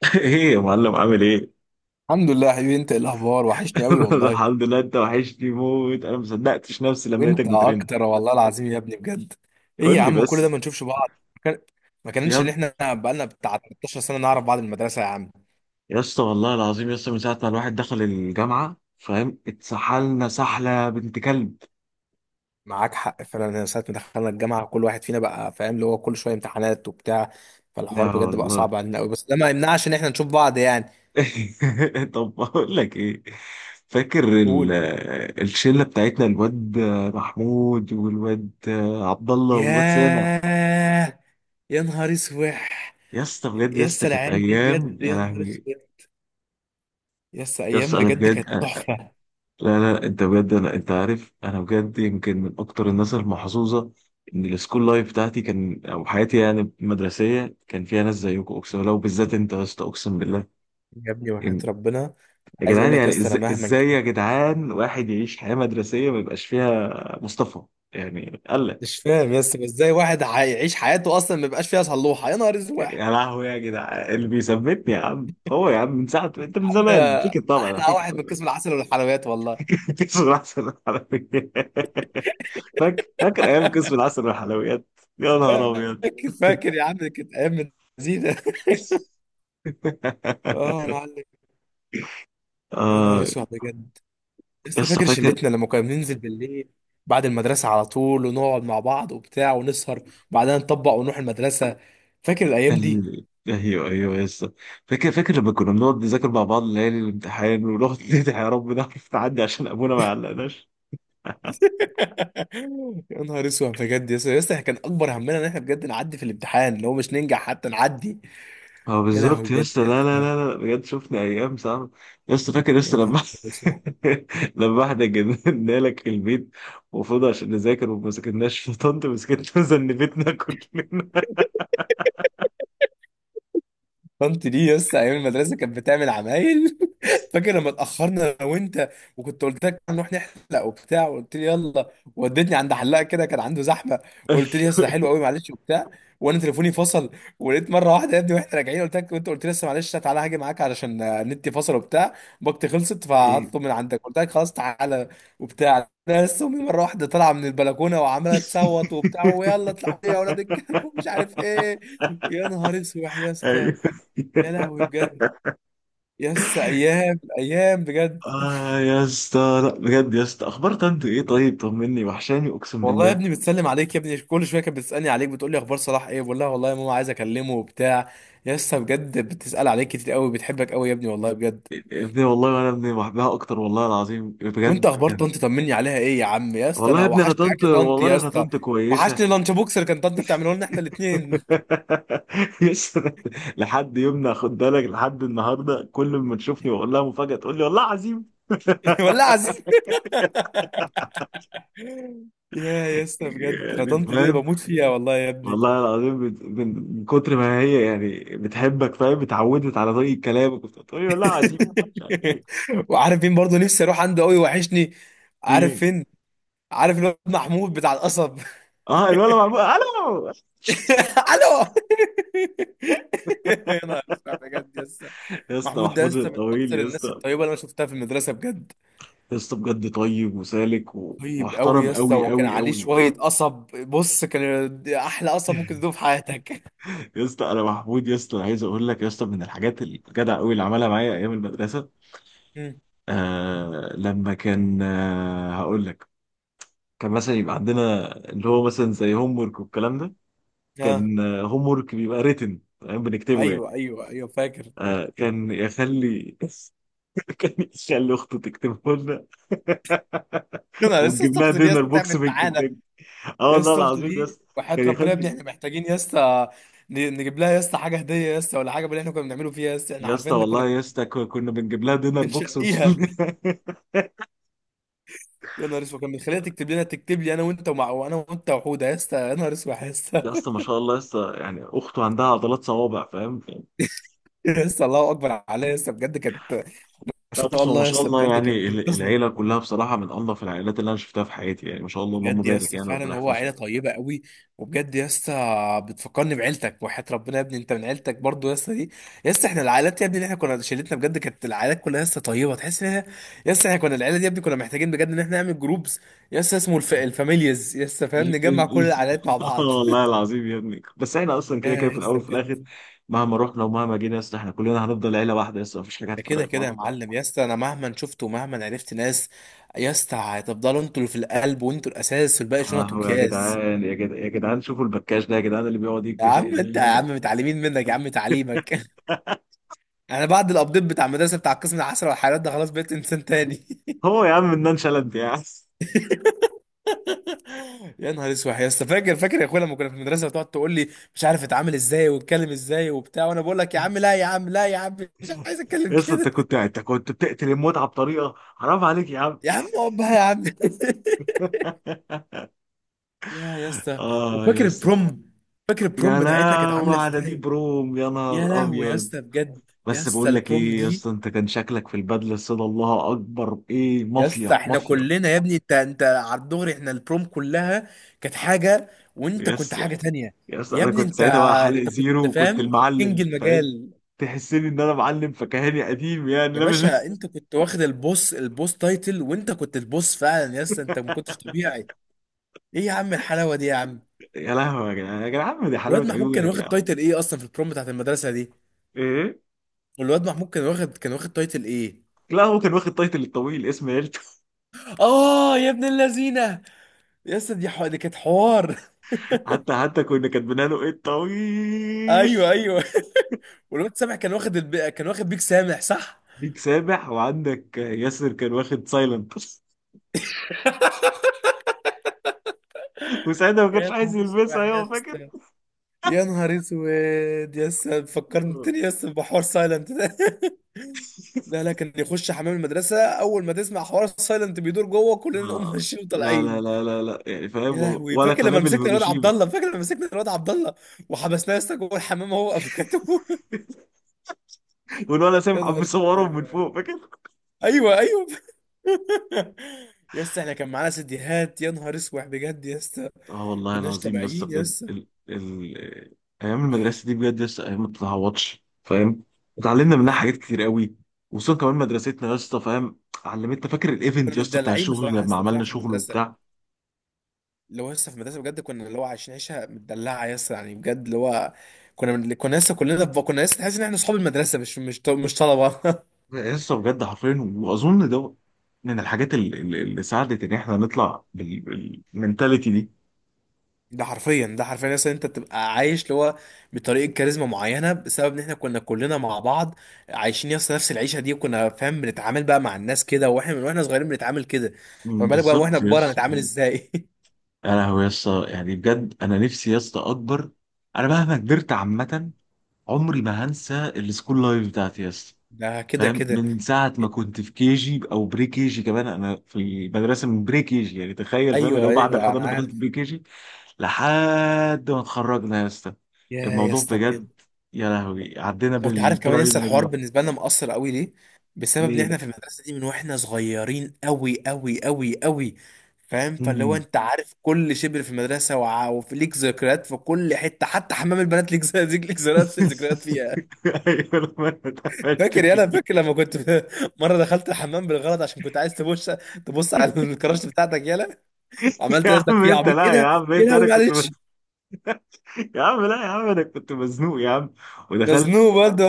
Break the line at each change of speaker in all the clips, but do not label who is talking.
ايه يا معلم، عامل ايه؟
الحمد لله يا حبيبي. انت ايه الاخبار؟ وحشني قوي
أنا
والله.
الحمد لله. انت وحشني موت، انا ما صدقتش نفسي لما لقيتك
وانت
بترن.
اكتر والله العظيم يا ابني بجد. ايه يا
قول لي
عم كل ده ما
بس.
نشوفش بعض؟ ما كان- ما كانش ان
يا
احنا بقالنا بتاع 13 سنه نعرف بعض من المدرسه يا عم؟
يا اسطى والله العظيم يا اسطى، من ساعه ما الواحد دخل الجامعه فاهم، اتسحلنا سحله بنت كلب.
معاك حق فعلا. انا ساعه ما دخلنا الجامعه كل واحد فينا بقى فاهم اللي هو كل شويه امتحانات وبتاع،
لا
فالحوار بجد بقى
والله.
صعب علينا قوي، بس ده ما يمنعش ان احنا نشوف بعض يعني.
طب بقول لك ايه. فاكر ال-
قول.
الشله بتاعتنا، الواد محمود والواد عبد الله والواد سامع.
ياه، يا نهار اسوح.
يا اسطى بجد يا
يا
اسطى،
اسطى،
كانت
العيال دي
ايام
بجد
يا
يا نهار
لهوي.
اسوح. يس
يا
ايام
اسطى انا
بجد
بجد.
كانت تحفه.
لا لا، انت بجد. لا، انت عارف، انا بجد يمكن من اكتر الناس المحظوظه، ان السكول لايف بتاعتي كان، او حياتي يعني المدرسيه، كان فيها ناس زيكم، اقسم بالله، وبالذات انت يا اسطى، اقسم بالله.
يا ابني وحياة
يم-
ربنا.
يا
عايز اقول
جدعان،
لك يا
يعني
اسطى انا
ازاي ازاي يا جدعان واحد يعيش حياه مدرسيه ما يبقاش فيها مصطفى، يعني قال لك.
مش فاهم يا اسطى ازاي واحد هيعيش حياته اصلا ما يبقاش فيها صلوحه، يا نهار اسود يا
يا لهوي يا جدعان، اللي بيثبتني يا عم هو، يا عم من ساعه انت، من
عم.
زمان فيك الطبع ده،
احلى
فيك
واحد من
الطبع.
قسم العسل والحلويات والله.
كسر العسل والحلويات. فاكر فاكر ايام كسر العسل والحلويات. يا نهار ابيض.
فاكر فاكر يا عم، كانت ايام زينه. اه يا معلم. يا نهار
آه.
اسود بجد. لسه
يسطا
فاكر
فاكر.
شلتنا لما كنا بننزل بالليل بعد المدرسه على طول، ونقعد مع بعض وبتاع ونسهر، بعدها نطبق ونروح المدرسه. فاكر الايام دي؟
ايوه ايوه يسطا، فاكر فاكر لما كنا بنقعد نذاكر مع بعض ليالي الامتحان ونقعد ندعي يا رب نعرف نعدي عشان ابونا ما يعلقناش.
يا نهار اسود بجد يا اسطى. يا اسطى كان اكبر همنا ان احنا بجد نعدي في الامتحان، اللي هو مش ننجح حتى نعدي.
اه
يا لهوي
بالظبط
بجد
يسطا،
يا
لا لا
سلام.
لا لا، بجد شفنا ايام صعبه. يسطا فاكر يسطا
يا نهار
لما
اسود.
لما احنا جبنا لك البيت، المفروض عشان نذاكر وما ذاكرناش، فطنت مسكتنا وذنبتنا كلنا.
طنط دي، يس ايام المدرسه كانت بتعمل عمايل. فاكر لما اتاخرنا انا وانت، وكنت قلت لك نروح نحلق وبتاع، وقلت لي يلا، وديتني عند حلاق كده كان عنده زحمه، وقلت لي يا أستاذ ده حلو قوي معلش وبتاع، وانا تليفوني فصل. ولقيت مره واحده يا ابني واحنا راجعين قلت لك، وانت قلت لي لسه معلش تعالى هاجي معاك علشان النت فصل وبتاع، باقتي خلصت
ايوه.
فهطلب من عندك، قلت لك خلاص تعالى وبتاع. انا لسه امي مره واحده طالعه من البلكونه وعماله تصوت وبتاع، ويلا اطلعوا لي يا اولاد الكلب ومش عارف ايه. يا نهار اسود يا اسطى.
ايوه.
يا لهوي بجد يا اسطى، ايام ايام بجد.
اه يا اسطى، لا بجد يا اسطى، اخبار طنط ايه؟ طيب طمني، وحشاني اقسم
والله يا
بالله.
ابني بتسلم عليك يا ابني، كل شويه كانت بتسالني عليك، بتقول لي اخبار صلاح ايه، بقول لها والله يا ماما عايز اكلمه وبتاع. يا اسطى بجد بتسال عليك كتير قوي، بتحبك قوي يا ابني والله بجد.
يا ابني والله، وانا ابني بحبها اكتر والله العظيم بجد
وانت اخبار
كان.
طنط؟ طمني عليها ايه يا عم يا اسطى،
والله
انا
يا ابني، انا
وحشني
طنط،
اكل طنط
والله
يا
انا
اسطى.
طنط كويسه.
وحشني لانش بوكس اللي كان طنط بتعمله لنا احنا الاثنين.
يا اسطى، لحد يومنا خد بالك، لحد النهارده، كل ما تشوفني واقول لها مفاجاه تقول لي والله عظيم.
والله عظيم. يا اسطى بجد، انا
يعني
طنط دي انا
فاهم،
بموت فيها والله يا ابني.
والله العظيم، من كتر ما هي يعني بتحبك فاهم، اتعودت على طريقه كلامك وبتقول لي والله عظيم، مش عارف ايه.
وعارف مين برضه نفسي اروح عنده قوي؟ وحشني. عارف
إيه؟
فين؟ عارف الواد محمود بتاع القصب؟
اه، الولا محمود الو.
الو. يا نهار اسود بجد يسا.
يا اسطى
محمود ده
محمود
يسا من
الطويل
اكثر
يا
الناس
اسطى.
الطيبه اللي انا شفتها في المدرسه بجد.
يا اسطى بجد طيب وسالك
طيب قوي
ومحترم
يسا،
قوي
وكان
قوي
عليه
قوي
شويه
بصراحه.
قصب. بص، كان احلى قصب ممكن تدوه في حياتك.
يا اسطى انا محمود، يا اسطى، أنا عايز اقول لك يا اسطى من الحاجات الجدع قوي اللي عملها معايا ايام المدرسه.
مم.
آه لما كان آه هقول لك، كان مثلا يبقى عندنا اللي هو مثلا زي هوم ورك والكلام ده.
اه.
كان هوم ورك بيبقى ريتن تمام، بنكتبه يعني.
ايوه ايوه ايوه فاكر.
كان يخلي كان يخلي اخته تكتبه لنا.
يا نهار، لسه
ونجيب لها
اخته دي
دينر
يسا
بوكس
تعبت
من
معانا.
كنتاكي. اه والله
يسا اخته
العظيم يا
دي
اسطى.
وحياة
كان
ربنا يا ابني
يخلي.
احنا محتاجين يسا نجيب لها يسا حاجه هديه يسا، ولا حاجه باللي احنا كنا بنعمله فيها يسا، احنا
يا اسطى
عارفين إن كنا
والله يا اسطى، كنا بنجيب لها دينر بوكس
بنشقيها. يا نهار اسود، كان بيخليها تكتب لنا، تكتب لي انا وانت ومع وانا وانت وحوده يا اسطى. يا نهار اسود يا اسطى.
يا اسطى ما شاء الله يا اسطى، يعني اخته عندها عضلات صوابع فاهم.
يا اسطى الله اكبر عليا يا اسطى بجد، كانت ما
لا
شاء
بص، هو ما
الله يا
شاء
اسطى
الله
بجد كانت
يعني،
بتنقذنا.
العيله كلها بصراحه من انظف العائلات اللي انا شفتها في حياتي، يعني ما شاء الله اللهم
بجد يا
بارك،
اسطى
يعني ربنا
فعلا هو عيله
يحفظهم.
طيبه قوي. وبجد يا اسطى بتفكرني بعيلتك وحياه ربنا يا ابني، انت من عيلتك برضو يا اسطى دي. يا اسطى احنا العائلات يا ابني اللي احنا كنا شلتنا بجد كانت العائلات كلها يا اسطى طيبه، تحس ان يا اسطى احنا كنا العيله دي يا ابني، كنا محتاجين بجد ان احنا نعمل جروبز يا اسطى اسمه الفاميليز يا اسطى فاهم، نجمع كل العائلات مع
اه
بعض.
والله العظيم يا ابني، بس احنا اصلا كده كده
يا
في الاول
اسطى
وفي
بجد.
الاخر، مهما رحنا ومهما جينا يا اسطى، احنا كلنا هنفضل عيله واحده يا اسطى، مفيش حاجه
ده كده
هتفرق.
كده يا معلم. يا اسطى انا مهما شفت ومهما عرفت ناس يا اسطى هتفضلوا انتوا اللي في القلب، وانتوا الاساس، والباقي شنط
اهو يا
وكياس.
جدعان، يا جدعان، يا جدعان، شوفوا البكاش ده يا جدعان، اللي بيقعد
يا
يكبش.
عم انت يا عم متعلمين منك يا عم، تعليمك. انا بعد الابديت بتاع المدرسه بتاع قسم العسل والحيوانات ده خلاص بقيت انسان تاني.
هو يا عم منان شلبي يا عم.
يا نهار اسود يا اسطى. فاكر فاكر يا اخويا لما كنا في المدرسه بتقعد تقول لي مش عارف اتعامل ازاي واتكلم ازاي وبتاع، وانا بقول لك يا عم لا يا عم لا يا عم، مش عايز اتكلم
يس، انت
كده.
كنت انت كنت بتقتل المتعه بطريقه حرام عليك يا عم.
يا عم اقعد بقى يا عم. يا اسطى.
اه يا
وفاكر
اسطى.
البروم؟ فاكر البروم
يا
بتاعتنا كانت
لهوي
عامله
على دي
ازاي؟
بروم، يا
يا
نهار
لهوي يا
ابيض.
اسطى بجد. يا
بس
اسطى
بقول لك
البروم
ايه يا
دي،
اسطى، انت كان شكلك في البدله الصدى، الله اكبر، ايه
يا
مافيا
اسطى احنا
مافيا.
كلنا يا ابني، انت على الدغري، احنا البروم كلها كانت حاجه، وانت
يا
كنت حاجه
اسطى
تانية.
يا اسطى،
يا
انا
ابني
كنت
انت
ساعتها بقى حالق
انت كنت
زيرو، وكنت
فاهم كينج
المعلم فاهم.
المجال.
تحسني ان انا معلم فكهاني قديم يعني،
يا
لا مش
باشا انت كنت واخد البوس، البوس تايتل، وانت كنت البوس فعلا يا اسطى. انت ما كنتش طبيعي. ايه يا عم الحلاوه دي يا عم.
يا لهوي يا جدعان، يا جدعان، دي
ولاد
حلاوة
محمود كان
عيونك يا
واخد
عم.
تايتل ايه اصلا في البروم بتاعت المدرسه دي؟
ايه؟
والواد محمود كان واخد تايتل ايه؟
لا، هو كان واخد تايتل الطويل، اسم عيلته.
اه يا ابن اللذينه، يا اسطى دي دي كانت حوار.
حتى كنا كاتبين له ايه الطويل.
ايوه ايوه. والواد سامح كان واخد كان واخد بيك سامح صح.
بيك سابح، وعندك ياسر كان واخد سايلنت. وساعتها ما كانش
يا
عايز
نهار اسود
يلبسها،
يا
ايوه فاكر.
اسطى. يا نهار اسود. يا اسطى فكرتني يا اسطى بحوار سايلنت ده. لا لا، كان يخش حمام المدرسه اول ما تسمع حوار سايلنت بيدور جوه كلنا نقوم
آه.
ماشيين
لا لا
وطالعين.
لا لا لا، يعني
يا
فاهم،
لهوي
ولا
فاكر لما
قنابل
مسكنا الواد عبد
هيروشيما.
الله، فاكر لما مسكنا الواد عبد الله وحبسناه يا اسطى جوه الحمام هو افوكاتو؟
والولا
يا
سامح عم
نهار
بيصورهم من
اسود.
فوق، فاكر.
ايوه ايوه. يا اسطى احنا كان معانا سيديهات، يا نهار اسود بجد يا اسطى.
اه والله
كناش
العظيم يا اسطى
طبيعيين يا
بجد،
اسطى.
ايام المدرسه دي بجد يا اسطى، ايام ما بتتعوضش فاهم.
وحياة
اتعلمنا
ربنا
منها
يا ابني.
حاجات كتير قوي. وصلنا كمان مدرستنا يا اسطى فاهم، علمتنا. فاكر
كنا
الايفنت يا اسطى بتاع
متدلعين
الشغل
بصراحه يا
لما
اسطى، بصراحه
عملنا
في
شغل
المدرسه،
وبتاع.
اللي هو لسه في المدرسه بجد كنا اللي هو عايشين عيشه متدلعه يا اسطى، يعني بجد اللي هو كنا لسه كلنا كنا لسه تحس ان احنا اصحاب المدرسه، مش طلبه.
يا اسطى بجد حرفيا، واظن ده من الحاجات اللي ساعدت ان احنا نطلع بالمنتاليتي دي.
ده حرفيا، ده حرفيا مثلا انت بتبقى عايش اللي هو بطريقه كاريزما معينه بسبب ان احنا كنا كلنا مع بعض عايشين يس نفس العيشه دي، وكنا فاهم بنتعامل بقى مع الناس كده واحنا من واحنا صغيرين بنتعامل كده. فما بالك بقى واحنا
بالظبط يا
كبار
اسطى.
هنتعامل ازاي؟
يا لهوي يا اسطى، يعني بجد انا نفسي يا اسطى اكبر. انا مهما كبرت عامه، عمري ما هنسى السكول لايف بتاعتي يا اسطى
ده كده
فاهم.
كده.
من ساعة ما كنت في كي جي، أو بري كي جي كمان، أنا في مدرسة من بري كي جي يعني، تخيل فاهم، اللي
ايوه
هو بعد
ايوه انا
الحضانة دخلت
عارف.
بري كي جي لحد ما اتخرجنا يا اسطى.
يا يا
الموضوع
اسطى
بجد.
بجد.
يا لهوي، عدينا
وانت عارف كمان لسه الحوار
بالبرايمري.
بالنسبه لنا مؤثر قوي ليه؟ بسبب ان
ليه
احنا
بقى؟
في المدرسه دي من واحنا صغيرين قوي قوي قوي قوي، فاهم، فاللي هو
مم.
انت عارف كل شبر في المدرسه وفي ليك ذكريات في كل حته، حتى حمام البنات ليك ليك ذكريات، ذكريات فيها.
ايوه، لما انا اتقفشت
فاكر يا، انا
بيه.
فاكر لما كنت مره دخلت الحمام بالغلط عشان كنت عايز تبص، تبص على الكراش بتاعتك يالا،
يا
وعملت نفسك
عم
فيه
انت،
عبيط ايه
لا يا
ده.
عم،
ايه
انت انا
لهوي
كنت
معلش،
مزنوق. يا عم لا، يا عم انا كنت مزنوق يا عم،
ده
ودخلت.
ذنوب برضه.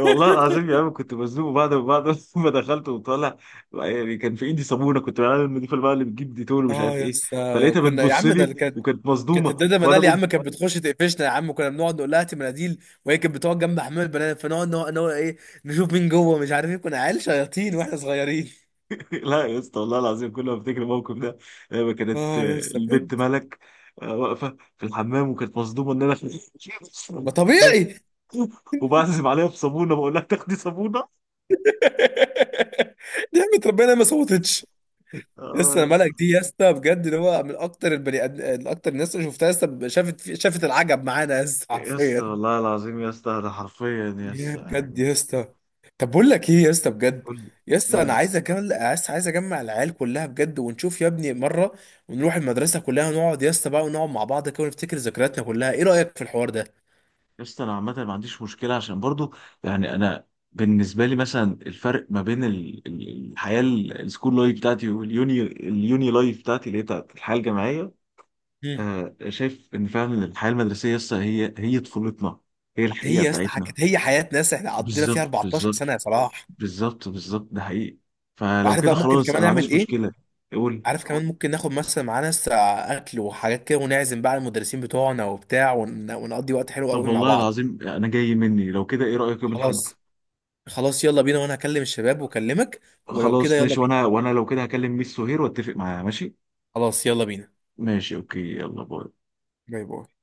والله العظيم يا عم، كنت مزنوق بعد ما بعد ما دخلت وطالع. يعني كان في ايدي صابونه، كنت بعمل النضيفه بقى، اللي بتجيب ديتول ومش
اه
عارف
يا
ايه.
اسطى
فلقيتها
كنا يا
بتبص
عم ده
لي
اللي كانت.
وكانت
كانت
مصدومه،
الداده
فانا
منال يا
قمت.
عم كانت بتخش تقفشنا يا عم، كنا بنقعد نقول لها هاتي مناديل، وهي كانت بتقعد جنب حمام البنات، فنقعد نقعد نقعد ايه، نشوف مين جوه مش عارف ايه، كنا عيال شياطين واحنا صغيرين.
لا يا اسطى، والله العظيم، كل ما افتكر الموقف ده، لما كانت
اه يا اسطى
البت
بجد.
ملك، واقفه في الحمام وكانت مصدومه ان انا
ما طبيعي.
وبعزم عليها بصابونه، بقول لها تاخدي صابونه.
نعمة ربنا ما صوتتش. يا
اه
اسطى
يا
انا
اسطى.
ملك دي يا اسطى بجد، اللي هو من اكتر البني ادم، اكتر الناس اللي شفتها يا اسطى، شافت شافت العجب معانا يا اسطى
يا اسطى
حرفيا.
والله العظيم يا اسطى، انا حرفيا يا
يا
اسطى
بجد
يعني.
يا اسطى. طب بقول لك ايه يا اسطى بجد؟
قول لي.
يا اسطى
قول
انا
لي.
عايز اجمع العيال كلها بجد ونشوف يا ابني مره، ونروح المدرسه كلها ونقعد يا اسطى بقى ونقعد مع بعض كده ونفتكر ذكرياتنا كلها. ايه رايك في الحوار ده؟
يسطا انا عامه ما عنديش مشكله، عشان برضو، يعني انا بالنسبه لي مثلا، الفرق ما بين الحياه السكول لايف بتاعتي واليوني، لايف بتاعتي اللي هي بتاعت الحياه الجامعيه.
مم.
آه، شايف ان فعلا الحياه المدرسيه يسطا، هي طفولتنا، هي
هي
الحقيقه
يا اسطى
بتاعتنا.
كانت هي حياه ناس احنا قضينا فيها
بالظبط
14
بالظبط،
سنه يا صلاح.
بالظبط بالظبط، ده حقيقي. فلو
وعارف
كده
بقى ممكن
خلاص
كمان
انا ما
نعمل
عنديش
ايه؟
مشكله. قول.
عارف كمان ممكن ناخد مثلا معانا اكل وحاجات كده، ونعزم بقى المدرسين بتوعنا وبتاع، ونقضي وقت حلو
طب
قوي مع
والله
بعض.
العظيم انا جاي مني، لو كده ايه رايك يوم الاحد؟
خلاص. خلاص يلا بينا، وانا هكلم الشباب واكلمك. ولو كده
خلاص
يلا،
ماشي، وانا لو كده هكلم ميس سهير واتفق معاها، ماشي.
خلاص يلا بينا.
ماشي، اوكي، يلا باي.
باي باي.